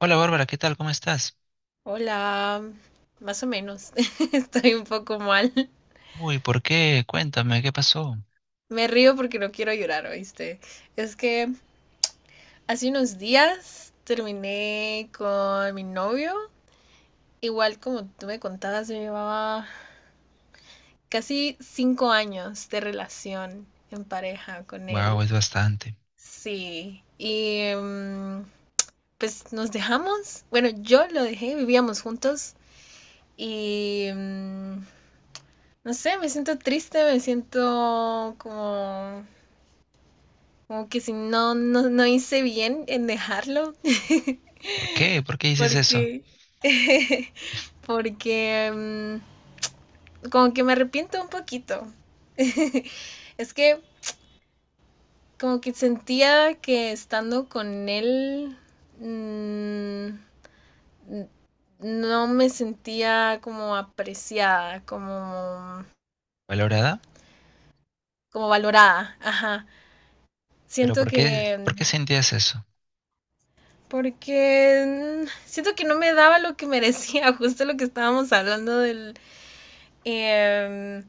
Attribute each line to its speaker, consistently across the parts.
Speaker 1: Hola Bárbara, ¿qué tal? ¿Cómo estás?
Speaker 2: Hola, más o menos. Estoy un poco mal.
Speaker 1: Uy, ¿por qué? Cuéntame, ¿qué pasó?
Speaker 2: Me río porque no quiero llorar, ¿oíste? Es que hace unos días terminé con mi novio. Igual como tú me contabas, yo llevaba casi 5 años de relación en pareja con
Speaker 1: Wow,
Speaker 2: él.
Speaker 1: es bastante.
Speaker 2: Sí. Y pues nos dejamos. Bueno, yo lo dejé, vivíamos juntos y no sé, me siento triste, me siento como que si no hice bien en dejarlo.
Speaker 1: Por qué dices eso?
Speaker 2: Porque, porque como que me arrepiento un poquito. Es que como que sentía que estando con él mm, no me sentía como apreciada, como,
Speaker 1: ¿Valorada?
Speaker 2: como valorada. Ajá.
Speaker 1: ¿Pero
Speaker 2: Siento
Speaker 1: por qué,
Speaker 2: que
Speaker 1: por qué sentías eso?
Speaker 2: Porque siento que no me daba lo que merecía, justo lo que estábamos hablando del. em,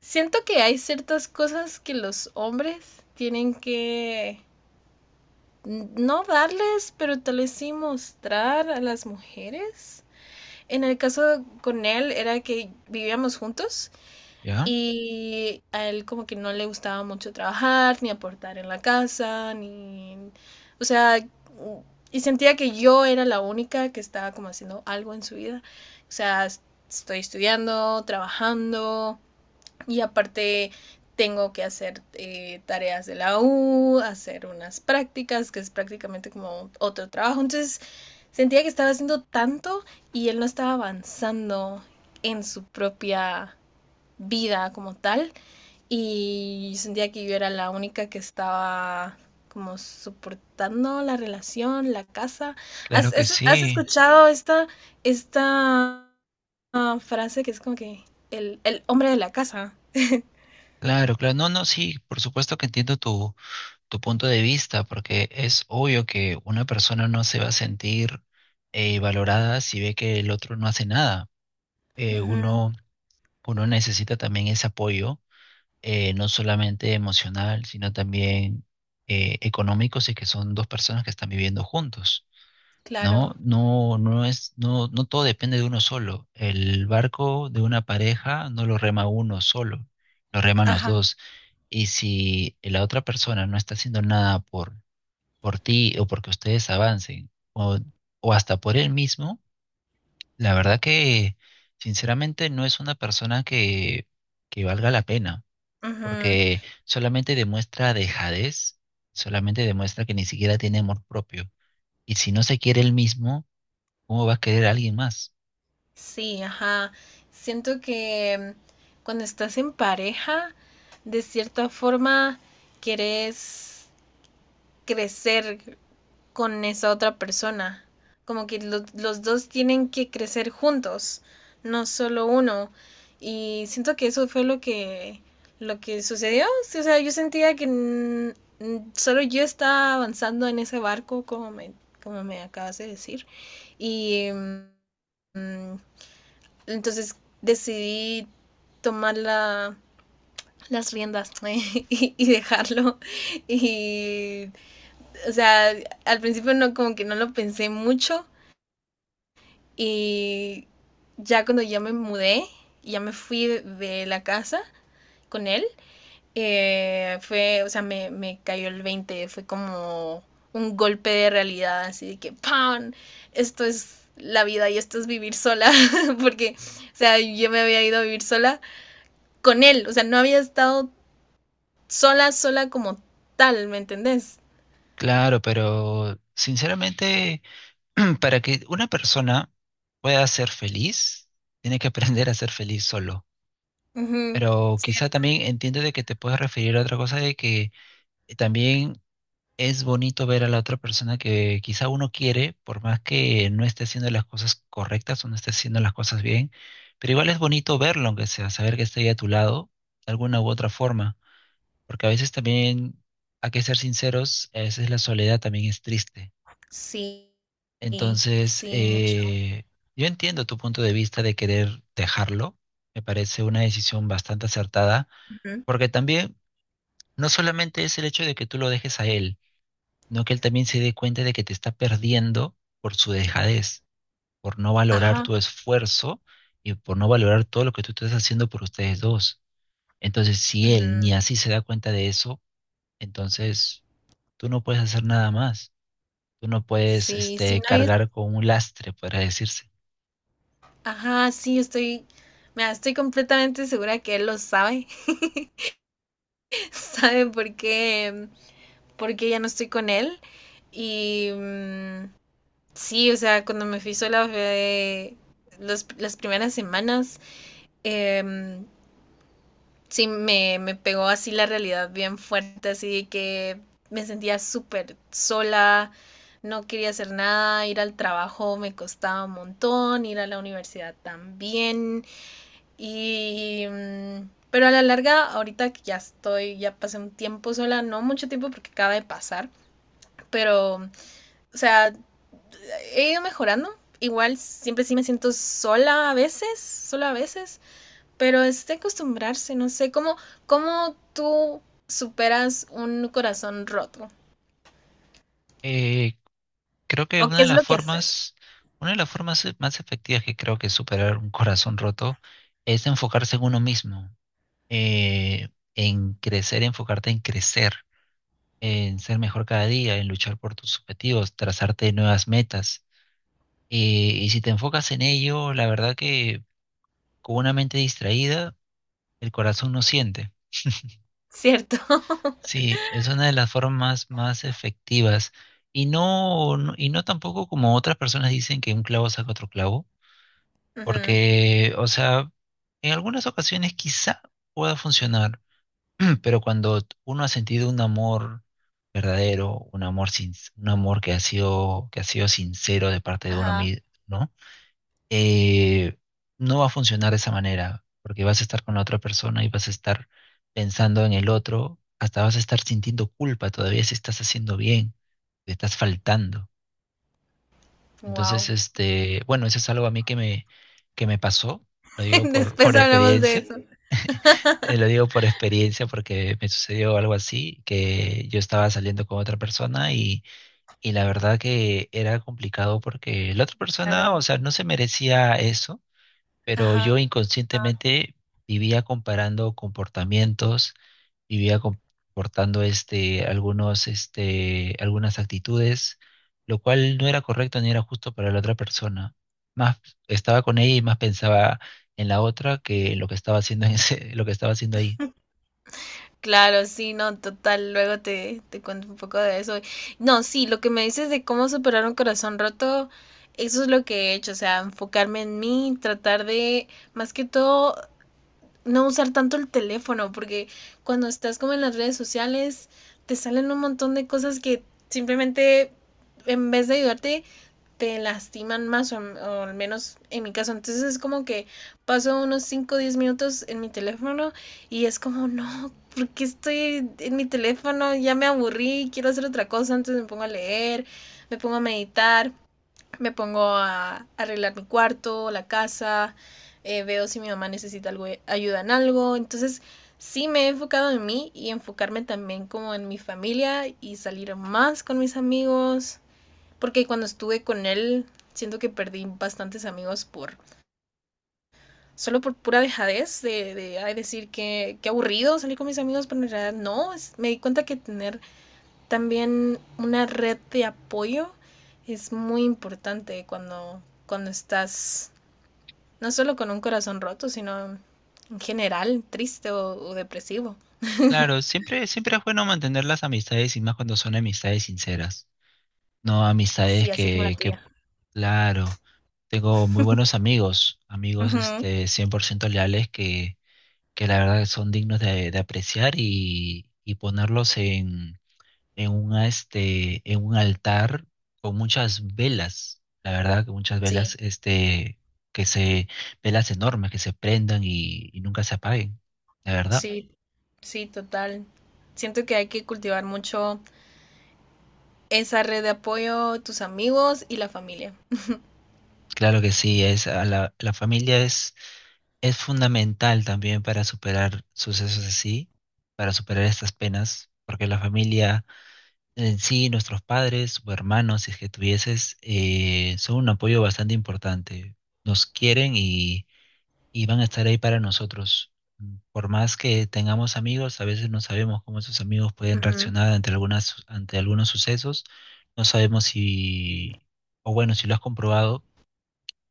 Speaker 2: Siento que hay ciertas cosas que los hombres tienen que no darles, pero tal vez sí mostrar a las mujeres. En el caso con él era que vivíamos juntos
Speaker 1: ¿Ya?
Speaker 2: y a él como que no le gustaba mucho trabajar, ni aportar en la casa, ni. O sea, y sentía que yo era la única que estaba como haciendo algo en su vida. O sea, estoy estudiando, trabajando y aparte tengo que hacer tareas de la U, hacer unas prácticas, que es prácticamente como otro trabajo. Entonces sentía que estaba haciendo tanto y él no estaba avanzando en su propia vida como tal y sentía que yo era la única que estaba como soportando la relación, la casa.
Speaker 1: Claro
Speaker 2: ¿Has,
Speaker 1: que
Speaker 2: has- has
Speaker 1: sí.
Speaker 2: escuchado esta, esta frase que es como que el hombre de la casa?
Speaker 1: Claro, claro. No, no, sí, por supuesto que entiendo tu punto de vista, porque es obvio que una persona no se va a sentir valorada si ve que el otro no hace nada. Eh,
Speaker 2: Ujú,
Speaker 1: uno, uno necesita también ese apoyo no solamente emocional, sino también económico, si es que son dos personas que están viviendo juntos.
Speaker 2: claro,
Speaker 1: No, no, no, no todo depende de uno solo. El barco de una pareja no lo rema uno solo, lo reman los
Speaker 2: ajá,
Speaker 1: dos. Y si la otra persona no está haciendo nada por ti o porque ustedes avancen, o hasta por él mismo, la verdad que sinceramente no es una persona que valga la pena,
Speaker 2: ujú,
Speaker 1: porque solamente demuestra dejadez, solamente demuestra que ni siquiera tiene amor propio. Y si no se quiere él mismo, ¿cómo va a querer a alguien más?
Speaker 2: sí, ajá. Siento que cuando estás en pareja, de cierta forma, querés crecer con esa otra persona. Como que los dos tienen que crecer juntos, no solo uno. Y siento que eso fue lo que, sucedió. Sí, o sea, yo sentía que solo yo estaba avanzando en ese barco, como me acabas de decir. Y mm, entonces decidí tomar las riendas ¿eh? Y dejarlo. Y, o sea, al principio no, como que no lo pensé mucho y ya cuando ya me mudé, ya me fui de la casa con él, fue, o sea, me cayó el 20 fue como un golpe de realidad, así de que ¡pam! Esto es la vida y esto es vivir sola, porque, o sea, yo me había ido a vivir sola con él, o sea, no había estado sola, sola como tal, ¿me entendés?
Speaker 1: Claro, pero sinceramente, para que una persona pueda ser feliz, tiene que aprender a ser feliz solo.
Speaker 2: Uh -huh.
Speaker 1: Pero
Speaker 2: Sí,
Speaker 1: quizá también entiendo de que te puedes referir a otra cosa de que también es bonito ver a la otra persona que quizá uno quiere, por más que no esté haciendo las cosas correctas o no esté haciendo las cosas bien, pero igual es bonito verlo, aunque sea, saber que está ahí a tu lado, de alguna u otra forma, porque a veces también, hay que ser sinceros, a veces la soledad también es triste.
Speaker 2: sí,
Speaker 1: Entonces,
Speaker 2: sí, mucho.
Speaker 1: yo entiendo tu punto de vista de querer dejarlo, me parece una decisión bastante acertada,
Speaker 2: Ujú.
Speaker 1: porque también no solamente es el hecho de que tú lo dejes a él, no que él también se dé cuenta de que te está perdiendo por su dejadez, por no valorar
Speaker 2: Ajá.
Speaker 1: tu esfuerzo y por no valorar todo lo que tú estás haciendo por ustedes dos. Entonces, si él ni
Speaker 2: Ujú.
Speaker 1: así se da cuenta de eso, entonces tú no puedes hacer nada más. Tú no puedes,
Speaker 2: Sí, sí, no es.
Speaker 1: cargar con un lastre, podrá decirse.
Speaker 2: Ajá, sí, estoy. Mira, estoy completamente segura que él lo sabe. Sabe por qué ya no estoy con él. Y sí, o sea, cuando me fui sola fue las primeras semanas. em, sí me pegó así la realidad bien fuerte, así de que me sentía súper sola, no quería hacer nada, ir al trabajo me costaba un montón, ir a la universidad también y... mm, pero a la larga, ahorita que ya estoy, ya pasé un tiempo sola, no mucho tiempo porque acaba de pasar, pero, o sea, he ido mejorando. Igual siempre sí me siento sola a veces, solo a veces, pero es de acostumbrarse, no sé, ¿cómo tú superas un corazón roto?
Speaker 1: Eh, Creo que
Speaker 2: ¿O qué es lo que haces?
Speaker 1: una de las formas más efectivas que creo que superar un corazón roto es enfocarse en uno mismo, eh, en crecer, enfocarte en crecer, en ser mejor cada día, en luchar por tus objetivos, trazarte nuevas metas. Eh, y si te enfocas en ello, la verdad que con una mente distraída, el corazón no siente.
Speaker 2: ¿Cierto?
Speaker 1: Sí, es una de las formas más efectivas. Y no tampoco como otras personas dicen que un clavo saca otro clavo,
Speaker 2: Ujú.
Speaker 1: porque, o sea, en algunas ocasiones quizá pueda funcionar. Pero cuando uno ha sentido un amor verdadero, un amor sin, un amor que ha sido sincero de parte de uno
Speaker 2: Ajá.
Speaker 1: mismo, ¿no? Eh, no va a funcionar de esa manera, porque vas a estar con la otra persona y vas a estar pensando en el otro, hasta vas a estar sintiendo culpa todavía si estás haciendo bien, te estás faltando. Entonces,
Speaker 2: Wow.
Speaker 1: bueno, eso es algo a mí que me pasó, lo digo por,
Speaker 2: Después
Speaker 1: por
Speaker 2: hablamos de
Speaker 1: experiencia.
Speaker 2: eso.
Speaker 1: Eh, lo digo por experiencia porque me sucedió algo así, que yo estaba saliendo con otra persona y la verdad que era complicado porque la otra persona, o
Speaker 2: Claro.
Speaker 1: sea, no se merecía eso, pero yo
Speaker 2: Ajá.
Speaker 1: inconscientemente vivía comparando comportamientos, vivía comportando algunas actitudes, lo cual no era correcto ni era justo para la otra persona. Más estaba con ella y más pensaba en la otra que en lo que estaba haciendo en ese- lo que estaba haciendo ahí.
Speaker 2: Claro, sí, no, total. Luego te cuento un poco de eso. No, sí, lo que me dices de cómo superar un corazón roto, eso es lo que he hecho. O sea, enfocarme en mí, tratar de, más que todo, no usar tanto el teléfono, porque cuando estás como en las redes sociales, te salen un montón de cosas que simplemente en vez de ayudarte, te lastiman más, o al menos en mi caso. Entonces es como que paso unos cinco o 10 minutos en mi teléfono y es como, no, ¿por qué estoy en mi teléfono? Ya me aburrí, quiero hacer otra cosa, entonces me pongo a leer, me pongo a meditar, me pongo a arreglar mi cuarto, la casa, veo si mi mamá necesita algo, ayuda en algo. Entonces, sí me he enfocado en mí y enfocarme también como en mi familia y salir más con mis amigos, porque cuando estuve con él siento que perdí bastantes amigos por solo por pura dejadez de ay, decir que aburrido salir con mis amigos, pero en realidad no, me di cuenta que tener también una red de apoyo es muy importante cuando estás no solo con un corazón roto, sino en general triste o depresivo.
Speaker 1: Claro, siempre es bueno mantener las amistades y más cuando son amistades sinceras, no amistades
Speaker 2: Sí, así como la tuya.
Speaker 1: claro, tengo muy buenos amigos, amigos
Speaker 2: Ujú.
Speaker 1: este 100% leales que la verdad son dignos de apreciar, y ponerlos en un altar con muchas velas, la verdad que muchas velas,
Speaker 2: Sí,
Speaker 1: que se, velas enormes que se prendan y nunca se apaguen, la verdad.
Speaker 2: sí, sí, total. Siento que hay que cultivar mucho esa red de apoyo, tus amigos y la familia.
Speaker 1: Claro que sí, es la familia, es fundamental también para superar sucesos así, para superar estas penas, porque la familia en sí, nuestros padres o hermanos, si es que tuvieses, son un apoyo bastante importante. Nos quieren y van a estar ahí para nosotros. Por más que tengamos amigos, a veces no sabemos cómo esos amigos pueden
Speaker 2: Ujú.
Speaker 1: reaccionar ante algunos sucesos. No sabemos si, o bueno, si lo has comprobado,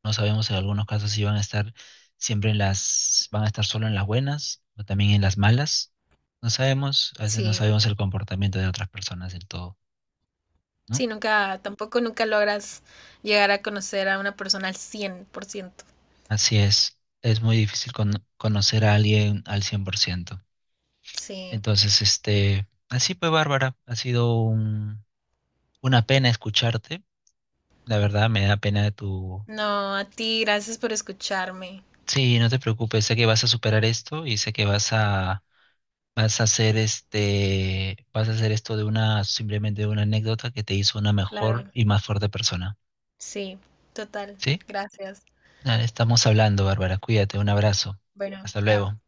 Speaker 1: no sabemos si en algunos casos si van a estar siempre van a estar solo en las buenas o también en las malas. No sabemos, a veces no
Speaker 2: Sí,
Speaker 1: sabemos el comportamiento de otras personas del todo, ¿no?
Speaker 2: sí, nunca, tampoco nunca logras llegar a conocer a una persona al 100%.
Speaker 1: Así es muy difícil conocer a alguien al 100%.
Speaker 2: Sí,
Speaker 1: Entonces, así pues, Bárbara, ha sido una pena escucharte. La verdad, me da pena tu...
Speaker 2: no, a ti, gracias por escucharme.
Speaker 1: Sí, no te preocupes, sé que vas a superar esto y sé que vas a hacer esto simplemente de una anécdota que te hizo una mejor
Speaker 2: Claro.
Speaker 1: y más fuerte persona.
Speaker 2: Sí, total.
Speaker 1: ¿Sí?
Speaker 2: Gracias.
Speaker 1: Nada, estamos hablando, Bárbara. Cuídate, un abrazo.
Speaker 2: Bueno,
Speaker 1: Hasta
Speaker 2: chao.
Speaker 1: luego.